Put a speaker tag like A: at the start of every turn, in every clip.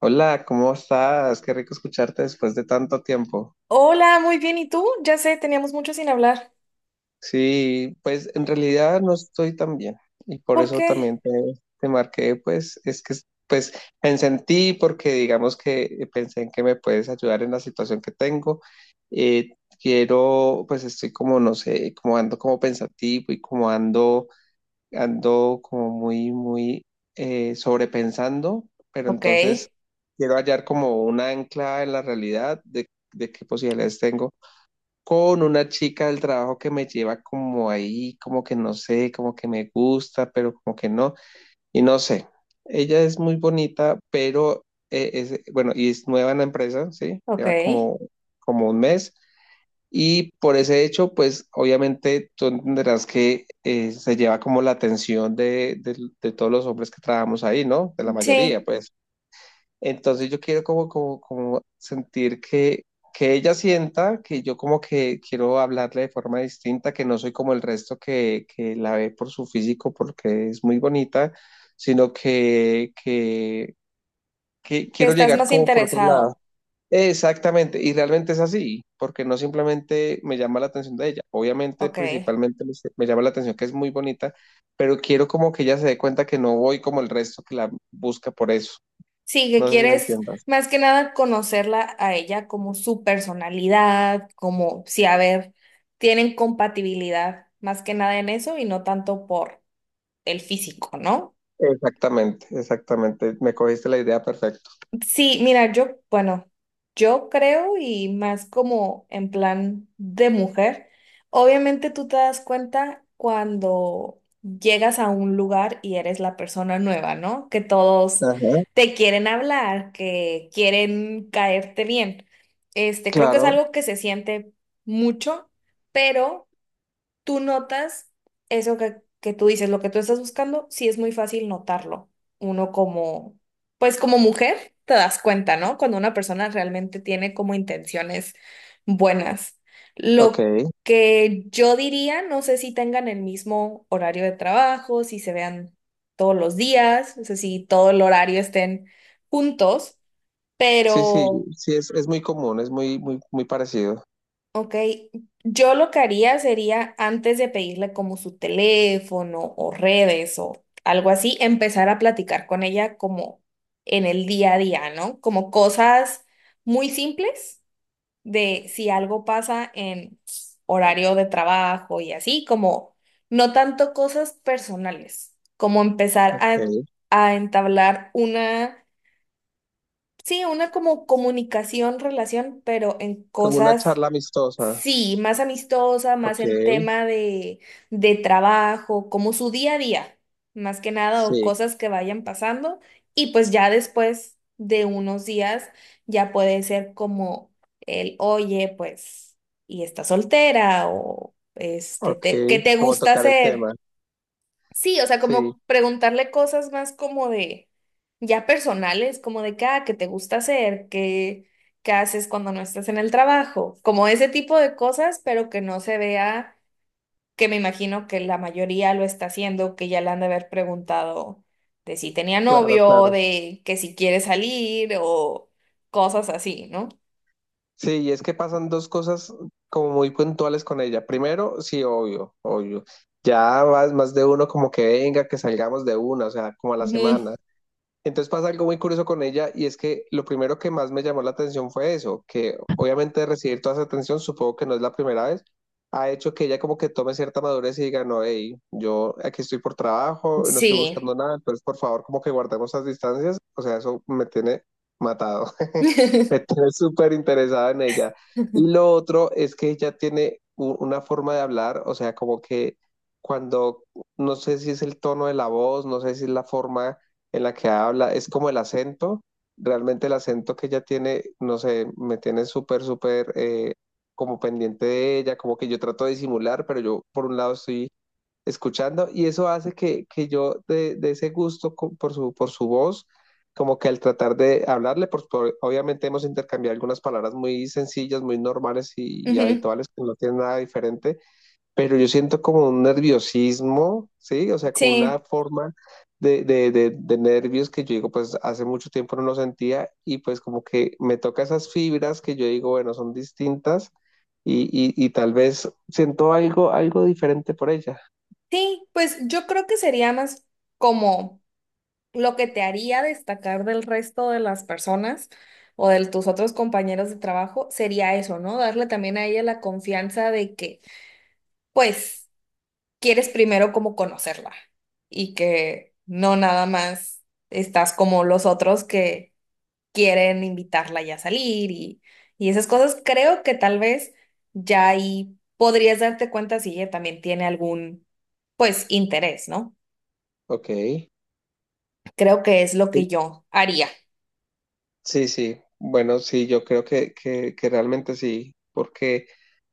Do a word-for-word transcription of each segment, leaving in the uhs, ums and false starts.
A: Hola, ¿cómo estás? Qué rico escucharte después de tanto tiempo.
B: Hola, muy bien. ¿Y tú? Ya sé, teníamos mucho sin hablar.
A: Sí, pues en realidad no estoy tan bien y por
B: ¿Por
A: eso
B: qué?
A: también te, te marqué, pues es que pues pensé en ti porque digamos que pensé en que me puedes ayudar en la situación que tengo. Eh, Quiero, pues estoy como, no sé, como ando como pensativo y como ando ando como muy, muy eh, sobrepensando, pero
B: Ok,
A: entonces quiero hallar como una ancla en la realidad de, de qué posibilidades tengo con una chica del trabajo que me lleva como ahí, como que no sé, como que me gusta, pero como que no, y no sé. Ella es muy bonita, pero eh, es, bueno, y es nueva en la empresa, ¿sí?
B: ok.
A: Lleva como, como un mes. Y por ese hecho, pues obviamente tú entenderás que eh, se lleva como la atención de, de- de todos los hombres que trabajamos ahí, ¿no? De la mayoría,
B: Sí,
A: pues. Entonces yo quiero como, como, como sentir que, que ella sienta que yo como que quiero hablarle de forma distinta, que no soy como el resto que, que la ve por su físico porque es muy bonita, sino que, que, que
B: que
A: quiero
B: estás
A: llegar
B: más
A: como por otro lado.
B: interesado.
A: Exactamente, y realmente es así, porque no simplemente me llama la atención de ella, obviamente
B: Ok.
A: principalmente me, me llama la atención que es muy bonita, pero quiero como que ella se dé cuenta que no voy como el resto que la busca por eso,
B: Sí, que
A: no sé si me
B: quieres
A: entiendas.
B: más que nada conocerla a ella como su personalidad, como si, a ver, tienen compatibilidad más que nada en eso y no tanto por el físico, ¿no?
A: Exactamente, exactamente, me cogiste la idea perfecto.
B: Sí, mira, yo, bueno, yo creo y más como en plan de mujer, obviamente tú te das cuenta cuando llegas a un lugar y eres la persona nueva, ¿no? Que todos
A: Ajá.
B: te quieren hablar, que quieren caerte bien. Este, creo que es
A: Claro,
B: algo que se siente mucho, pero tú notas eso que, que tú dices, lo que tú estás buscando, sí es muy fácil notarlo. Uno como, pues como mujer, te das cuenta, ¿no? Cuando una persona realmente tiene como intenciones buenas.
A: ok,
B: Lo que yo diría, no sé si tengan el mismo horario de trabajo, si se vean todos los días, no sé si todo el horario estén juntos,
A: sí, sí,
B: pero...
A: sí, es, es muy común, es muy, muy, muy parecido,
B: Ok, yo lo que haría sería antes de pedirle como su teléfono o redes o algo así, empezar a platicar con ella como en el día a día, ¿no? Como cosas muy simples de si algo pasa en horario de trabajo y así, como no tanto cosas personales, como empezar a,
A: ok,
B: a entablar una, sí, una como comunicación, relación, pero en
A: como una
B: cosas.
A: charla amistosa,
B: Sí, más amistosa, más
A: ok,
B: en tema de, de trabajo, como su día a día, más que nada, o
A: sí,
B: cosas que vayan pasando. Y pues ya después de unos días, ya puede ser como el, oye, pues, y estás soltera, o este,
A: ok,
B: te- ¿qué te
A: como
B: gusta
A: tocar el
B: hacer?
A: tema,
B: Sí, o sea,
A: sí,
B: como preguntarle cosas más como de, ya personales, como de qué, ah, qué te gusta hacer, qué, qué haces cuando no estás en el trabajo, como ese tipo de cosas, pero que no se vea, que me imagino que la mayoría lo está haciendo, que ya le han de haber preguntado de si tenía
A: claro,
B: novio,
A: claro.
B: de que si quiere salir o cosas así, ¿no?
A: Sí, y es que pasan dos cosas como muy puntuales con ella. Primero, sí, obvio, obvio. Ya más, más de uno como que venga, que salgamos de una, o sea, como a la
B: Ujú.
A: semana. Entonces pasa algo muy curioso con ella y es que lo primero que más me llamó la atención fue eso, que obviamente recibir toda esa atención, supongo que no es la primera vez, ha hecho que ella como que tome cierta madurez y diga, no, hey, yo aquí estoy por trabajo, no estoy
B: Sí.
A: buscando nada, entonces por favor como que guardemos las distancias, o sea, eso me tiene matado, me tiene súper interesada en ella. Y lo otro es que ella tiene u- una forma de hablar, o sea, como que cuando, no sé si es el tono de la voz, no sé si es la forma en la que habla, es como el acento, realmente el acento que ella tiene, no sé, me tiene súper, súper eh, como pendiente de ella, como que yo trato de disimular, pero yo por un lado estoy escuchando y eso hace que, que yo de, de ese gusto co- por su, por su voz, como que al tratar de hablarle, pues por- obviamente hemos intercambiado algunas palabras muy sencillas, muy normales y, y
B: Ujú.
A: habituales, que no tienen nada diferente, pero yo siento como un nerviosismo, ¿sí? O sea, como una
B: Sí,
A: forma de, de, de, de nervios que yo digo, pues hace mucho tiempo no lo sentía y pues como que me toca esas fibras que yo digo, bueno, son distintas y, y, y tal vez siento algo, algo diferente por ella.
B: sí, pues yo creo que sería más como... lo que te haría destacar del resto de las personas o de tus otros compañeros de trabajo sería eso, ¿no? Darle también a ella la confianza de que, pues, quieres primero como conocerla y que no nada más estás como los otros que quieren invitarla ya a salir y, y esas cosas. Creo que tal vez ya ahí podrías darte cuenta si ella también tiene algún, pues, interés, ¿no?
A: Ok.
B: Creo que es lo que yo haría.
A: Sí, sí, bueno, sí, yo creo que, que, que realmente sí, porque,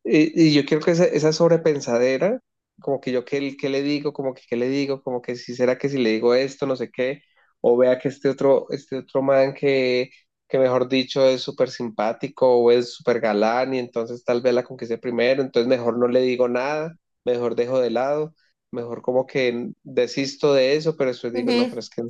A: y, y yo quiero que esa, esa sobrepensadera, como que yo qué, qué le digo, como que qué le digo, como que si será que si le digo esto, no sé qué, o vea que este otro, este otro man que, que mejor dicho es súper simpático o es súper galán y entonces tal vez la conquiste primero, entonces mejor no le digo nada, mejor dejo de lado, mejor como que desisto de eso, pero después digo, no,
B: Ujú.
A: pero es que en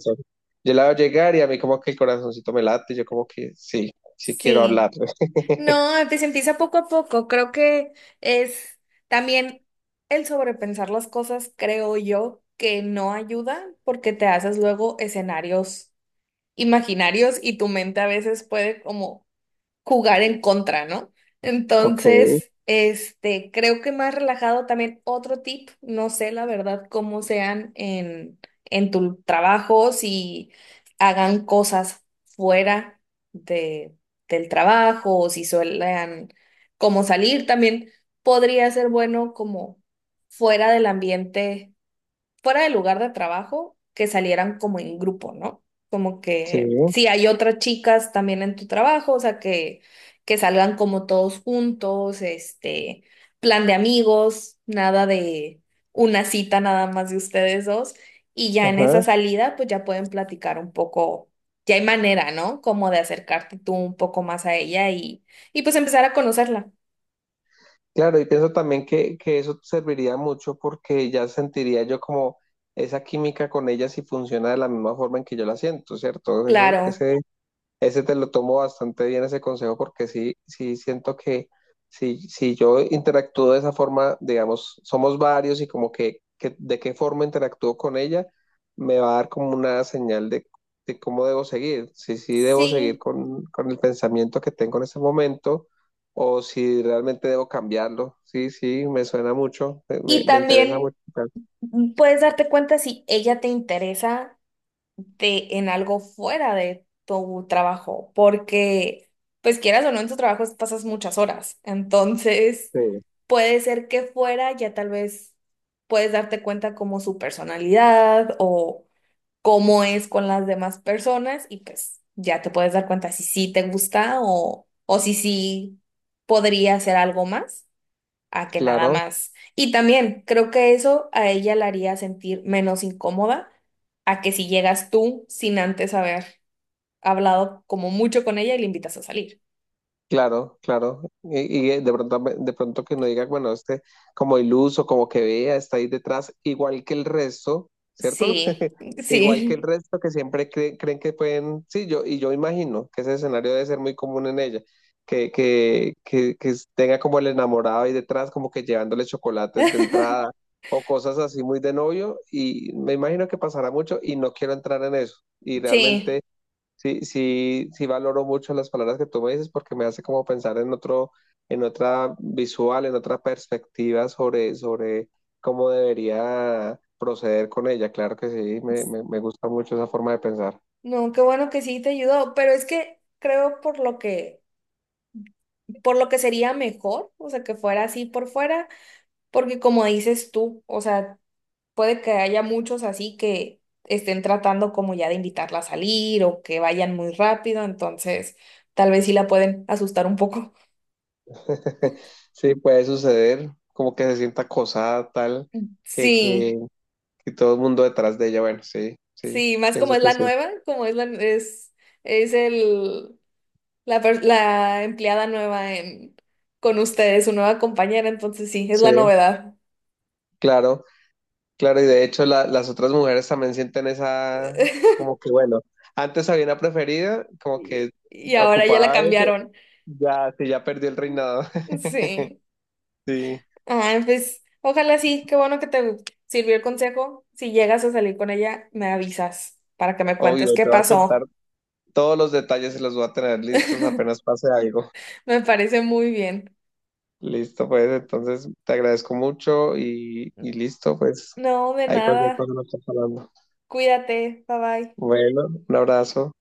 A: yo la veo llegar y a mí como que el corazoncito me late, yo como que sí, sí quiero
B: Sí.
A: hablar.
B: No, pues empieza poco a poco. Creo que es también el sobrepensar las cosas, creo yo, que no ayuda porque te haces luego escenarios imaginarios y tu mente a veces puede como jugar en contra, ¿no?
A: Ok,
B: Entonces, este, creo que más relajado también otro tip, no sé la verdad cómo sean en, en tu trabajo, si hagan cosas fuera de, del trabajo o si suelen como salir, también podría ser bueno como fuera del ambiente fuera del lugar de trabajo, que salieran como en grupo, ¿no? Como
A: sí,
B: que si hay otras chicas también en tu trabajo, o sea, que, que salgan como todos juntos, este, plan de amigos, nada de una cita nada más de ustedes dos, y ya en esa
A: ajá.
B: salida, pues ya pueden platicar un poco, ya hay manera, ¿no? Como de acercarte tú un poco más a ella y, y pues empezar a conocerla.
A: Claro, y pienso también que, que eso serviría mucho porque ya sentiría yo como esa química con ella si funciona de la misma forma en que yo la siento, ¿cierto? Eso,
B: Claro,
A: ese, Ese te lo tomo bastante bien, ese consejo, porque sí, sí siento que si, si yo interactúo de esa forma, digamos, somos varios y como que, que de qué forma interactúo con ella, me va a dar como una señal de, de cómo debo seguir, si sí debo seguir
B: sí.
A: con, con el pensamiento que tengo en ese momento o si realmente debo cambiarlo. Sí, sí, me suena mucho, me, me-
B: Y
A: me interesa
B: también...
A: mucho.
B: Puedes darte cuenta si ella te interesa de, en algo fuera de tu trabajo, porque, pues quieras o no, en tu trabajo pasas muchas horas. Entonces,
A: Sí.
B: puede ser que fuera ya tal vez puedes darte cuenta como su personalidad o cómo es con las demás personas y pues ya te puedes dar cuenta si sí te gusta o, o si sí podría hacer algo más a que nada
A: Claro.
B: más. Y también creo que eso a ella la haría sentir menos incómoda a que si llegas tú sin antes haber hablado como mucho con ella y le invitas a salir.
A: Claro, claro. Y, y eh, de pronto, de pronto que no diga, bueno, este como iluso, como que vea, está ahí detrás, igual que el resto, ¿cierto?
B: Sí,
A: Igual que el
B: sí,
A: resto que siempre cre- creen que pueden, sí, yo, y yo imagino que ese escenario debe ser muy común en ella, que, que, que, que tenga como el enamorado ahí detrás, como que llevándole chocolates de entrada o cosas así muy de novio, y me imagino que pasará mucho y no quiero entrar en eso. Y
B: sí.
A: realmente... Sí, sí, sí valoro mucho las palabras que tú me dices porque me hace como pensar en otro, en otra visual, en otra perspectiva sobre, sobre cómo debería proceder con ella. Claro que sí, me, me, me gusta mucho esa forma de pensar.
B: No, qué bueno que sí te ayudó, pero es que creo por lo que, por lo que sería mejor, o sea, que fuera así por fuera, porque como dices tú, o sea, puede que haya muchos así que estén tratando como ya de invitarla a salir o que vayan muy rápido, entonces tal vez sí la pueden asustar un poco.
A: Sí, puede suceder, como que se sienta acosada, tal, que,
B: Sí,
A: que, que todo el mundo detrás de ella. Bueno, sí, sí,
B: sí, más como
A: pienso
B: es
A: que
B: la
A: sí.
B: nueva, como es la, es, es el, la, per- la empleada nueva en, con ustedes, su nueva compañera, entonces sí, es
A: Sí,
B: la novedad.
A: claro. Claro, y de hecho la- las otras mujeres también sienten esa, como que bueno, antes había una preferida, como
B: Y,
A: que
B: y ahora ya la
A: ocupaba eso,
B: cambiaron.
A: ya, sí, ya perdió el reinado.
B: Sí.
A: Sí,
B: Ah, pues ojalá sí, qué bueno que te sirvió el consejo. Si llegas a salir con ella, me avisas para que me
A: obvio,
B: cuentes qué
A: te voy a contar
B: pasó.
A: todos los detalles y los voy a tener listos apenas pase algo.
B: Me parece muy bien.
A: Listo, pues, entonces te agradezco mucho y, y listo, pues,
B: No, de
A: ahí cualquier
B: nada.
A: cosa nos está hablando.
B: Cuídate. Bye bye.
A: Bueno, un abrazo.